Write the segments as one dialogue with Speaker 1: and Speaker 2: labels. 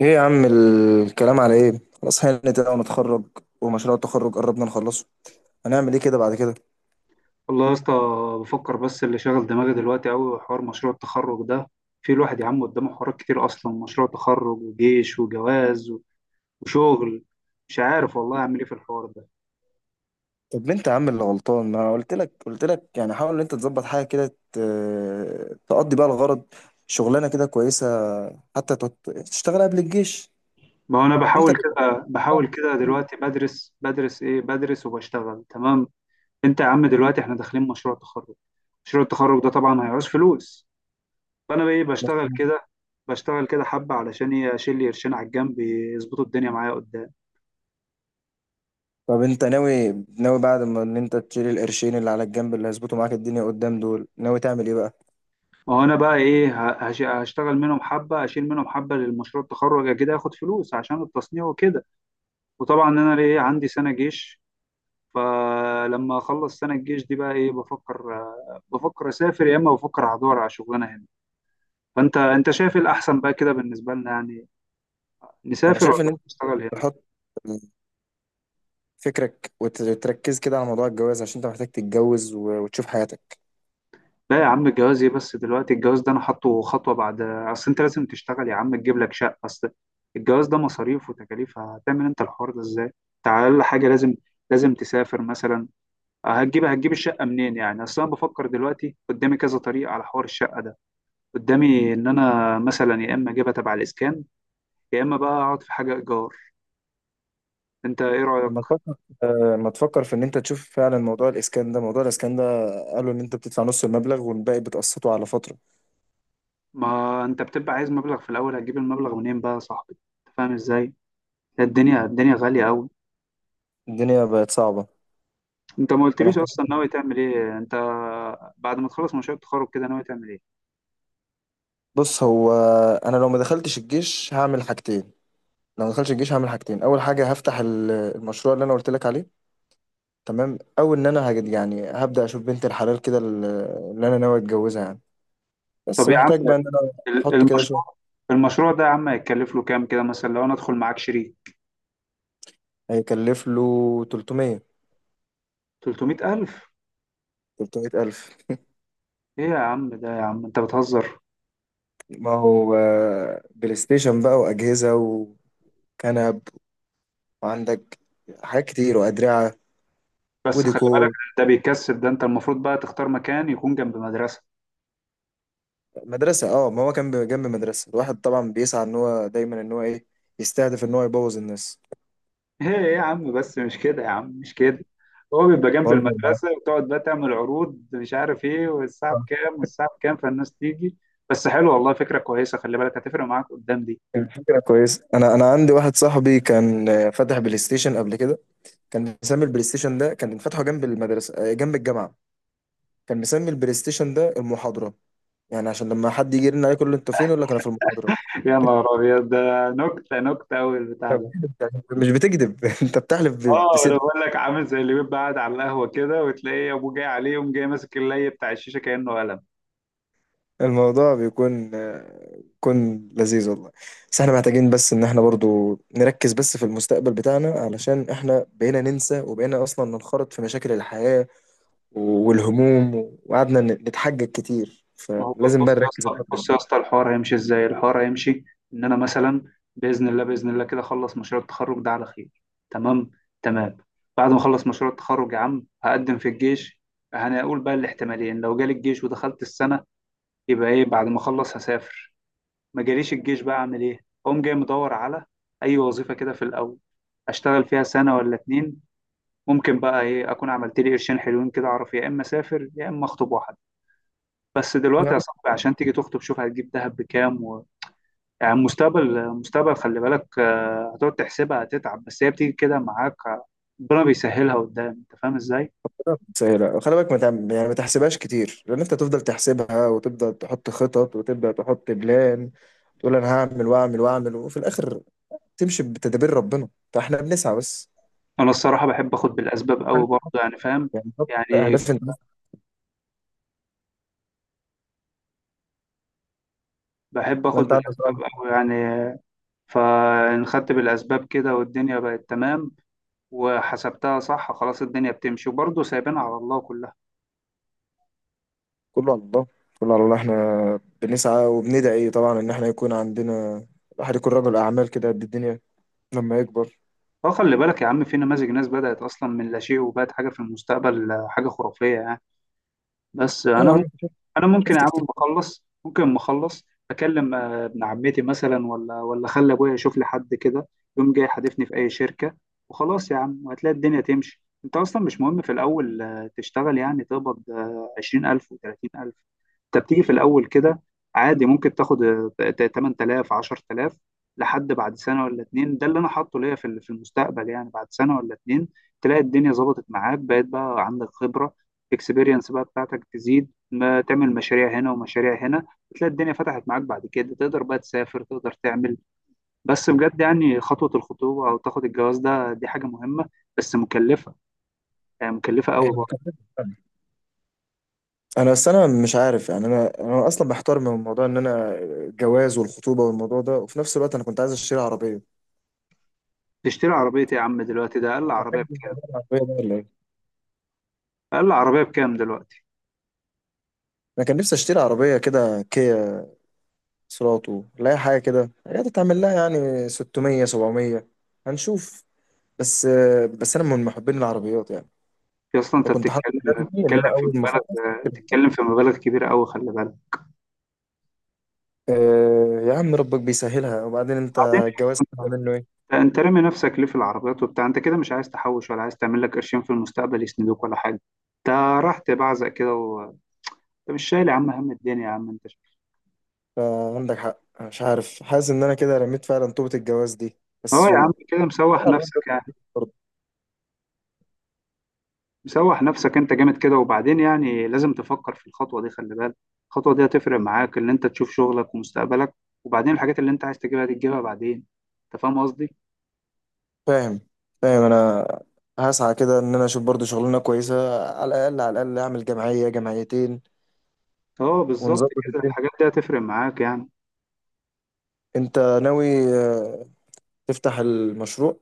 Speaker 1: ايه يا عم، الكلام على ايه؟ خلاص هانت بقى ونتخرج. ومشروع التخرج قربنا نخلصه. هنعمل ايه كده بعد كده؟
Speaker 2: والله يا اسطى، بفكر. بس اللي شاغل دماغي دلوقتي قوي حوار مشروع التخرج ده. في الواحد يا عم قدامه حوارات كتير، اصلا مشروع تخرج وجيش وجواز وشغل. مش عارف والله اعمل ايه في الحوار ده.
Speaker 1: طب انت يا عم اللي غلطان، ما قلت لك يعني حاول ان انت تظبط حاجه كده، تقضي بقى الغرض. شغلانه كده كويسه، حتى تشتغل قبل الجيش.
Speaker 2: ما هو انا
Speaker 1: انت
Speaker 2: بحاول
Speaker 1: اللي
Speaker 2: كده
Speaker 1: غلطان.
Speaker 2: بحاول كده دلوقتي، بدرس ايه بدرس وبشتغل، تمام. انت يا عم دلوقتي احنا داخلين مشروع تخرج. مشروع التخرج ده طبعا هيعوز فلوس، فانا بقى ايه، بشتغل
Speaker 1: مظبوط.
Speaker 2: كده، بشتغل كده حبة، علشان إيه؟ اشيل لي قرشين على الجنب يظبطوا الدنيا معايا قدام.
Speaker 1: طب انت ناوي، بعد ما ان انت تشيل القرشين اللي على الجنب اللي هيظبطوا معاك الدنيا قدام دول، ناوي تعمل ايه بقى؟
Speaker 2: ما هو انا بقى ايه هشتغل منهم حبه، اشيل منهم حبه للمشروع التخرج كده، اخد فلوس عشان التصنيع وكده. وطبعا انا ليه عندي سنه جيش، فلما اخلص سنه الجيش دي بقى ايه، بفكر، بفكر اسافر، يا اما بفكر هدور على شغلانه هنا. فانت شايف إيه الاحسن بقى كده بالنسبه لنا يعني،
Speaker 1: انا
Speaker 2: نسافر
Speaker 1: شايف ان
Speaker 2: ولا
Speaker 1: انت
Speaker 2: نشتغل هنا؟
Speaker 1: تحط فكرك وتركز كده على موضوع الجواز، عشان انت محتاج تتجوز وتشوف حياتك.
Speaker 2: لا يا عم، الجواز ايه بس دلوقتي؟ الجواز ده انا حاطه خطوه بعد، اصل انت لازم تشتغل يا عم، تجيب لك شقه، اصل الجواز ده مصاريف وتكاليف، هتعمل انت الحوار ده ازاي؟ انت على اقل حاجه لازم تسافر مثلا. هتجيب الشقه منين يعني؟ اصل انا بفكر دلوقتي قدامي كذا طريقه على حوار الشقه ده. قدامي ان انا مثلا يا اما اجيبها تبع الاسكان، يا اما بقى اقعد في حاجه ايجار. انت ايه رايك؟
Speaker 1: لما تفكر، في ان انت تشوف فعلا موضوع الاسكان ده، قالوا ان انت بتدفع نص المبلغ والباقي بتقسطه على فترة.
Speaker 2: ما انت بتبقى عايز مبلغ في الاول، هتجيب المبلغ منين بقى يا صاحبي؟ أنت فاهم ازاي؟ الدنيا غاليه قوي.
Speaker 1: الدنيا بقت صعبة.
Speaker 2: انت ما
Speaker 1: انا
Speaker 2: قلتليش
Speaker 1: محتاج.
Speaker 2: اصلا ناوي تعمل ايه انت؟ بعد ما تخلص مشروع التخرج كده ناوي تعمل ايه؟
Speaker 1: بص، هو انا لو ما دخلتش الجيش هعمل حاجتين. اول حاجة هفتح المشروع اللي انا قلت لك عليه، تمام؟ او ان انا هجد يعني، هبدأ اشوف بنت الحلال كده، اللي انا ناوي اتجوزها يعني.
Speaker 2: طب
Speaker 1: بس
Speaker 2: يا عم،
Speaker 1: محتاج بقى ان انا
Speaker 2: ال-
Speaker 1: احط كده
Speaker 2: المشروع
Speaker 1: شوية.
Speaker 2: المشروع ده يا عم هيتكلف له كام كده، مثلا لو انا ادخل معاك شريك؟
Speaker 1: هيكلف له 300.
Speaker 2: 300,000؟
Speaker 1: 300,000.
Speaker 2: ايه يا عم، ده يا عم انت بتهزر.
Speaker 1: ما هو آه، بلاي ستيشن بقى وأجهزة وكنب، وعندك حاجات كتير، وأدرعة
Speaker 2: بس خلي بالك،
Speaker 1: وديكور.
Speaker 2: ده بيكسب. ده انت المفروض بقى تختار مكان يكون جنب مدرسة.
Speaker 1: مدرسة؟ اه، ما هو كان جنب مدرسة، الواحد طبعا بيسعى ان هو دايما ان هو ايه، يستهدف ان هو يبوظ الناس.
Speaker 2: ايه يا عم، بس مش كده يا عم، مش كده. هو بيبقى جنب
Speaker 1: بهزر معاك.
Speaker 2: المدرسة وتقعد بقى تعمل عروض مش عارف ايه، والساعة
Speaker 1: آه.
Speaker 2: بكام والساعة بكام، فالناس تيجي. بس حلو والله، فكرة كويسة، خلي بالك هتفرق معاك قدام دي.
Speaker 1: الفكرة كويس، انا عندي واحد صاحبي كان آه، فتح بلاي ستيشن قبل كده. كان مسمي البلاي ستيشن ده، كان فاتحه جنب المدرسة آه، جنب الجامعة. كان مسمي البلاي ستيشن ده المحاضرة، يعني عشان لما حد يجي يرن عليه يقول له انتوا فين، يقول لك انا في المحاضرة.
Speaker 2: يا نهار ابيض، ده نكته، نكته قوي البتاع ده.
Speaker 1: مش بتكذب انت بتحلف
Speaker 2: اه انا
Speaker 1: بصدق.
Speaker 2: بقول لك، عامل زي اللي بيبقى قاعد على القهوه كده وتلاقي ابوه جاي عليه، يقوم جاي ماسك اللي بتاع الشيشه كانه قلم.
Speaker 1: الموضوع بيكون آه، بيكون لذيذ والله. بس احنا محتاجين بس ان احنا برضو نركز بس في المستقبل بتاعنا، علشان احنا بقينا ننسى وبقينا اصلا ننخرط في مشاكل الحياة والهموم، وقعدنا نتحجج كتير،
Speaker 2: ما هو
Speaker 1: فلازم بقى
Speaker 2: بص يا
Speaker 1: نركز
Speaker 2: اسطى،
Speaker 1: الفترة دي.
Speaker 2: الحوار هيمشي ازاي؟ الحوار هيمشي ان انا مثلا باذن الله، كده اخلص مشروع التخرج ده على خير، تمام، تمام. بعد ما اخلص مشروع التخرج يا عم هقدم في الجيش. هنقول بقى الاحتمالين، لو جالي الجيش ودخلت السنه، يبقى ايه بعد ما اخلص هسافر. ما جاليش الجيش بقى اعمل ايه؟ اقوم جاي مدور على اي وظيفه كده في الاول، اشتغل فيها سنه ولا اتنين. ممكن بقى ايه اكون عملت لي قرشين حلوين كده، اعرف يا اما اسافر، يا اما اخطب واحد. بس
Speaker 1: يا
Speaker 2: دلوقتي يا
Speaker 1: عم
Speaker 2: صاحبي، عشان تيجي تخطب شوف هتجيب دهب بكام و... يعني المستقبل مستقبل، خلي بالك، هتقعد تحسبها هتتعب، بس هي بتيجي كده معاك. ربنا بيسهلها قدام، انت فاهم ازاي.
Speaker 1: رب سهلة، خلي بالك، ما تعم- يعني ما تحسبهاش كتير، لان انت تفضل تحسبها وتبدا تحط خطط وتبدا تحط بلان، تقول انا هعمل واعمل واعمل، وفي الاخر تمشي بتدابير ربنا، فاحنا بنسعى بس.
Speaker 2: انا الصراحه بحب اخد بالاسباب قوي
Speaker 1: أنا-
Speaker 2: برضه يعني، فاهم.
Speaker 1: يعني حط
Speaker 2: يعني
Speaker 1: اهداف انت،
Speaker 2: بحب
Speaker 1: ما
Speaker 2: اخد
Speaker 1: انت عندك
Speaker 2: بالاسباب
Speaker 1: رأي.
Speaker 2: قوي يعني. فانخدت بالأسباب كده والدنيا بقت تمام، وحسبتها صح، خلاص الدنيا بتمشي، وبرضه سايبين على الله كلها.
Speaker 1: كله على الله. احنا بنسعى وبندعي طبعا ان احنا يكون عندنا، الواحد يكون رجل اعمال كده قد الدنيا لما يكبر.
Speaker 2: فخلي بالك يا عم، في نماذج ناس بدأت أصلا من لا شيء وبقت حاجة في المستقبل، حاجة خرافية يعني. بس
Speaker 1: ايه يا
Speaker 2: أنا،
Speaker 1: عم؟
Speaker 2: انا ممكن يا
Speaker 1: شفت
Speaker 2: عم
Speaker 1: كتير.
Speaker 2: بخلص، ممكن ما اخلص، اكلم ابن عمتي مثلا، ولا اخلي ابويا يشوف لي حد كده، يوم جاي حادفني في اي شركه. وخلاص يا عم، وهتلاقي الدنيا تمشي. انت اصلا مش مهم في الاول تشتغل يعني، تقبض 20,000 وتلاتين الف. انت بتيجي في الاول كده عادي، ممكن تاخد 8,000، 10,000، لحد بعد سنه ولا اتنين. ده اللي انا حاطه ليا في في المستقبل يعني، بعد سنه ولا اتنين تلاقي الدنيا ظبطت معاك، بقيت بقى عندك خبره، اكسبيرينس بقى بتاعتك تزيد. ما تعمل مشاريع هنا ومشاريع هنا، بتلاقي الدنيا فتحت معاك بعد كده، تقدر بقى تسافر، تقدر تعمل. بس بجد يعني خطوة الخطوبة أو تاخد الجواز ده، دي حاجة مهمة بس مكلفة، يعني مكلفة قوي برضه.
Speaker 1: انا بس انا مش عارف يعني، انا اصلا محتار من موضوع ان انا الجواز والخطوبه والموضوع ده، وفي نفس الوقت انا كنت عايز اشتري عربيه.
Speaker 2: تشتري عربية إيه يا عم دلوقتي؟ ده أقل عربية
Speaker 1: عربيه
Speaker 2: بكام؟
Speaker 1: بقى ولا ايه؟
Speaker 2: أقل عربية بكام دلوقتي؟
Speaker 1: انا كان نفسي اشتري عربيه كده كيا سلاطو، لا حاجة كده هي تتعمل لها يعني 600 700. هنشوف. بس أنا من محبين العربيات يعني،
Speaker 2: يا أصلا أنت
Speaker 1: فكنت حاطط
Speaker 2: بتتكلم،
Speaker 1: هدفي إن
Speaker 2: بتتكلم
Speaker 1: أنا
Speaker 2: في
Speaker 1: أول ما أخلص
Speaker 2: مبالغ
Speaker 1: أشتري عربية.
Speaker 2: بتتكلم في مبالغ كبيرة قوي، خلي بالك.
Speaker 1: أه يا عم، ربك بيسهلها، وبعدين أنت
Speaker 2: وبعدين يا
Speaker 1: الجواز ده
Speaker 2: أسطى،
Speaker 1: منه إيه؟
Speaker 2: أنت رامي نفسك ليه في العربيات وبتاع؟ أنت كده مش عايز تحوش ولا عايز تعمل لك قرشين في المستقبل يسندوك ولا حاجة؟ أنت راح تبعزق كده، انت مش شايل يا عم هم الدنيا يا عم انت.
Speaker 1: فعندك حق، أنا مش عارف، حاسس إن أنا كده رميت فعلا طوبة الجواز دي،
Speaker 2: اه
Speaker 1: بس
Speaker 2: يا عم
Speaker 1: و...
Speaker 2: كده مسوح
Speaker 1: العربيات ده
Speaker 2: نفسك يعني،
Speaker 1: تفكير برضه.
Speaker 2: مسوح نفسك انت جامد كده. وبعدين يعني لازم تفكر في الخطوه دي، خلي بالك الخطوه دي هتفرق معاك، ان انت تشوف شغلك ومستقبلك، وبعدين الحاجات اللي انت عايز تجيبها دي تجيبها بعدين. انت فاهم قصدي؟
Speaker 1: فاهم. فاهم أنا. هسعى كده إن أنا أشوف برضه شغلانة كويسة، على الأقل أعمل جمعية جمعيتين
Speaker 2: اه بالظبط
Speaker 1: ونظبط.
Speaker 2: كده، الحاجات دي هتفرق معاك يعني.
Speaker 1: انت ناوي آه، تفتح المشروع؟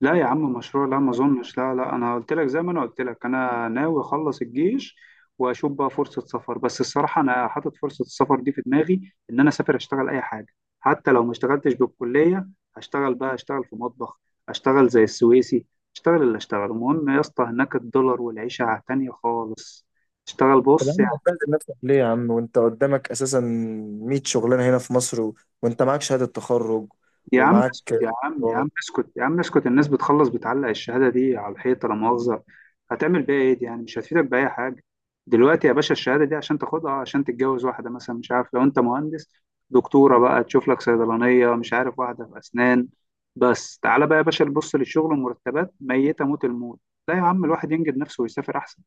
Speaker 2: لا يا عم مشروع، لا، ما اظنش، لا، لا، انا قلت لك، زي ما انا قلت لك، انا ناوي اخلص الجيش واشوف بقى فرصه سفر. بس الصراحه انا حاطط فرصه السفر دي في دماغي، ان انا اسافر اشتغل اي حاجه، حتى لو ما اشتغلتش بالكليه. هشتغل بقى، اشتغل في مطبخ، اشتغل زي السويسي، اشتغل اللي اشتغل، المهم يا اسطى هناك الدولار والعيشه تانية خالص. اشتغل
Speaker 1: طب يا
Speaker 2: بص.
Speaker 1: عم هتبهدل نفسك ليه يا عم، وانت قدامك اساسا 100 شغلانه هنا في مصر و... وانت معاك شهاده تخرج
Speaker 2: يا عم
Speaker 1: ومعاك
Speaker 2: اسكت يا عم،
Speaker 1: آه،
Speaker 2: اسكت. الناس بتخلص بتعلق الشهادة دي على الحيطة، لا مؤاخذة. هتعمل بيها ايه دي يعني؟ مش هتفيدك بأي حاجة. دلوقتي يا باشا الشهادة دي عشان تاخدها عشان تتجوز واحدة مثلا، مش عارف، لو انت مهندس دكتورة بقى تشوف لك صيدلانية، مش عارف واحدة في أسنان. بس تعالى بقى يا باشا نبص للشغل والمرتبات، ميتة موت الموت. لا يا عم، الواحد ينجد نفسه ويسافر أحسن.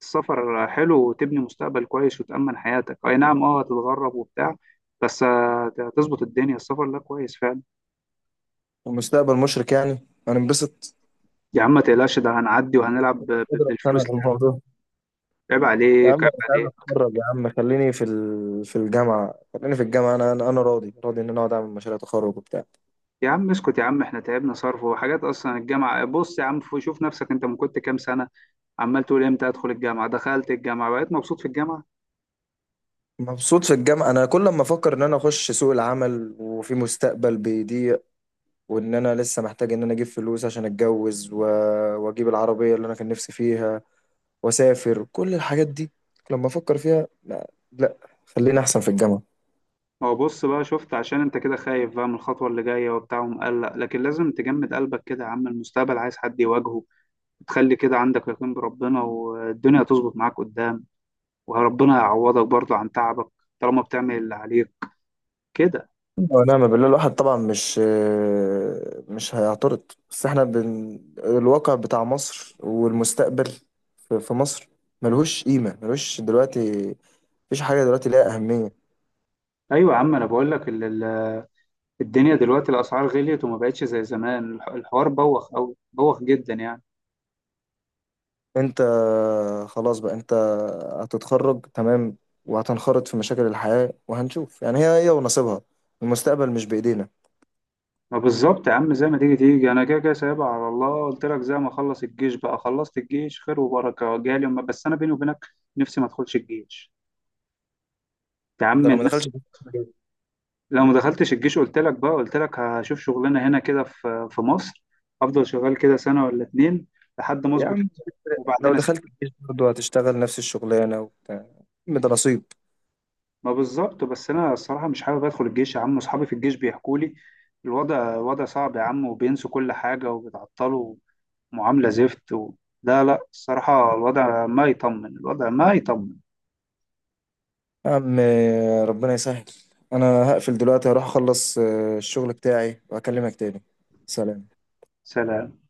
Speaker 2: السفر حلو، وتبني مستقبل كويس وتأمن حياتك، أي نعم اه هتتغرب وبتاع، بس هتظبط الدنيا، السفر ده كويس فعلا.
Speaker 1: ومستقبل مشرق يعني. انا انبسط.
Speaker 2: يا عم ما تقلقش، ده هنعدي وهنلعب
Speaker 1: مش قادر
Speaker 2: بالفلوس
Speaker 1: اقتنع
Speaker 2: لعب.
Speaker 1: بالموضوع.
Speaker 2: عيب
Speaker 1: يا عم
Speaker 2: عليك، عيب
Speaker 1: انا مش عايز
Speaker 2: عليك.
Speaker 1: اتخرج يا عم، خليني في ال... في الجامعه. خليني في الجامعه، انا راضي، ان انا اقعد اعمل مشاريع تخرج وبتاع.
Speaker 2: يا عم اسكت يا عم، احنا تعبنا صرف وحاجات، اصلا الجامعه بص يا عم، شوف نفسك انت من كنت كام سنه عمال تقول امتى ادخل الجامعه، دخلت الجامعه بقيت مبسوط في الجامعه.
Speaker 1: مبسوط في الجامعه. انا كل ما افكر ان انا اخش سوق العمل وفي مستقبل بيضيق، وان انا لسه محتاج ان انا اجيب فلوس عشان اتجوز و... واجيب العربيه اللي انا كان نفسي فيها، واسافر، كل الحاجات دي لما افكر فيها لا, لا. خلينا احسن في الجامعه.
Speaker 2: ما هو بص بقى، شفت، عشان انت كده خايف بقى من الخطوه اللي جايه وبتاع ومقلق، لكن لازم تجمد قلبك كده يا عم، المستقبل عايز حد يواجهه. تخلي كده عندك يقين بربنا والدنيا تظبط معاك قدام، وربنا يعوضك برضه عن تعبك طالما بتعمل اللي عليك كده.
Speaker 1: ونعم بالله. الواحد طبعا مش هيعترض، بس احنا بن... الواقع بتاع مصر والمستقبل في مصر ملهوش قيمه، ملهوش دلوقتي. مفيش حاجه دلوقتي ليها اهميه.
Speaker 2: ايوه يا عم انا بقول لك، الدنيا دلوقتي الأسعار غليت وما بقتش زي زمان، الحوار بوخ أوي، بوخ جدا يعني.
Speaker 1: انت خلاص بقى، انت هتتخرج تمام، وهتنخرط في مشاكل الحياة، وهنشوف يعني هي ونصيبها. المستقبل مش بإيدينا.
Speaker 2: ما بالظبط يا عم، زي ما تيجي تيجي أنا كده كده سايبها على الله، قلت لك زي ما أخلص الجيش بقى، خلصت الجيش خير وبركة جالي، بس أنا بيني وبينك نفسي ما أدخلش الجيش. يا
Speaker 1: انت
Speaker 2: عم
Speaker 1: لو ما دخلتش
Speaker 2: الناس،
Speaker 1: الجيش-
Speaker 2: لو ما دخلتش الجيش قلت لك بقى، قلت لك هشوف شغلانة هنا كده في مصر، أفضل شغال كده سنة ولا اتنين لحد ما
Speaker 1: يا
Speaker 2: أظبط
Speaker 1: عم
Speaker 2: حالي.
Speaker 1: لو
Speaker 2: وبعدين
Speaker 1: دخلت الجيش برضه هتشتغل نفس الشغلانة وبتاع يا عم، ده نصيب.
Speaker 2: ما بالظبط. بس انا الصراحه مش حابب ادخل الجيش يا عم، اصحابي في الجيش بيحكوا لي الوضع، وضع صعب يا عم، وبينسوا كل حاجه وبيتعطلوا، معامله زفت و... لا لا، الصراحه الوضع ما يطمن، الوضع ما يطمن.
Speaker 1: يا عم ربنا يسهل. انا هقفل دلوقتي، هروح اخلص آه، الشغل بتاعي واكلمك تاني. سلام.
Speaker 2: سلام.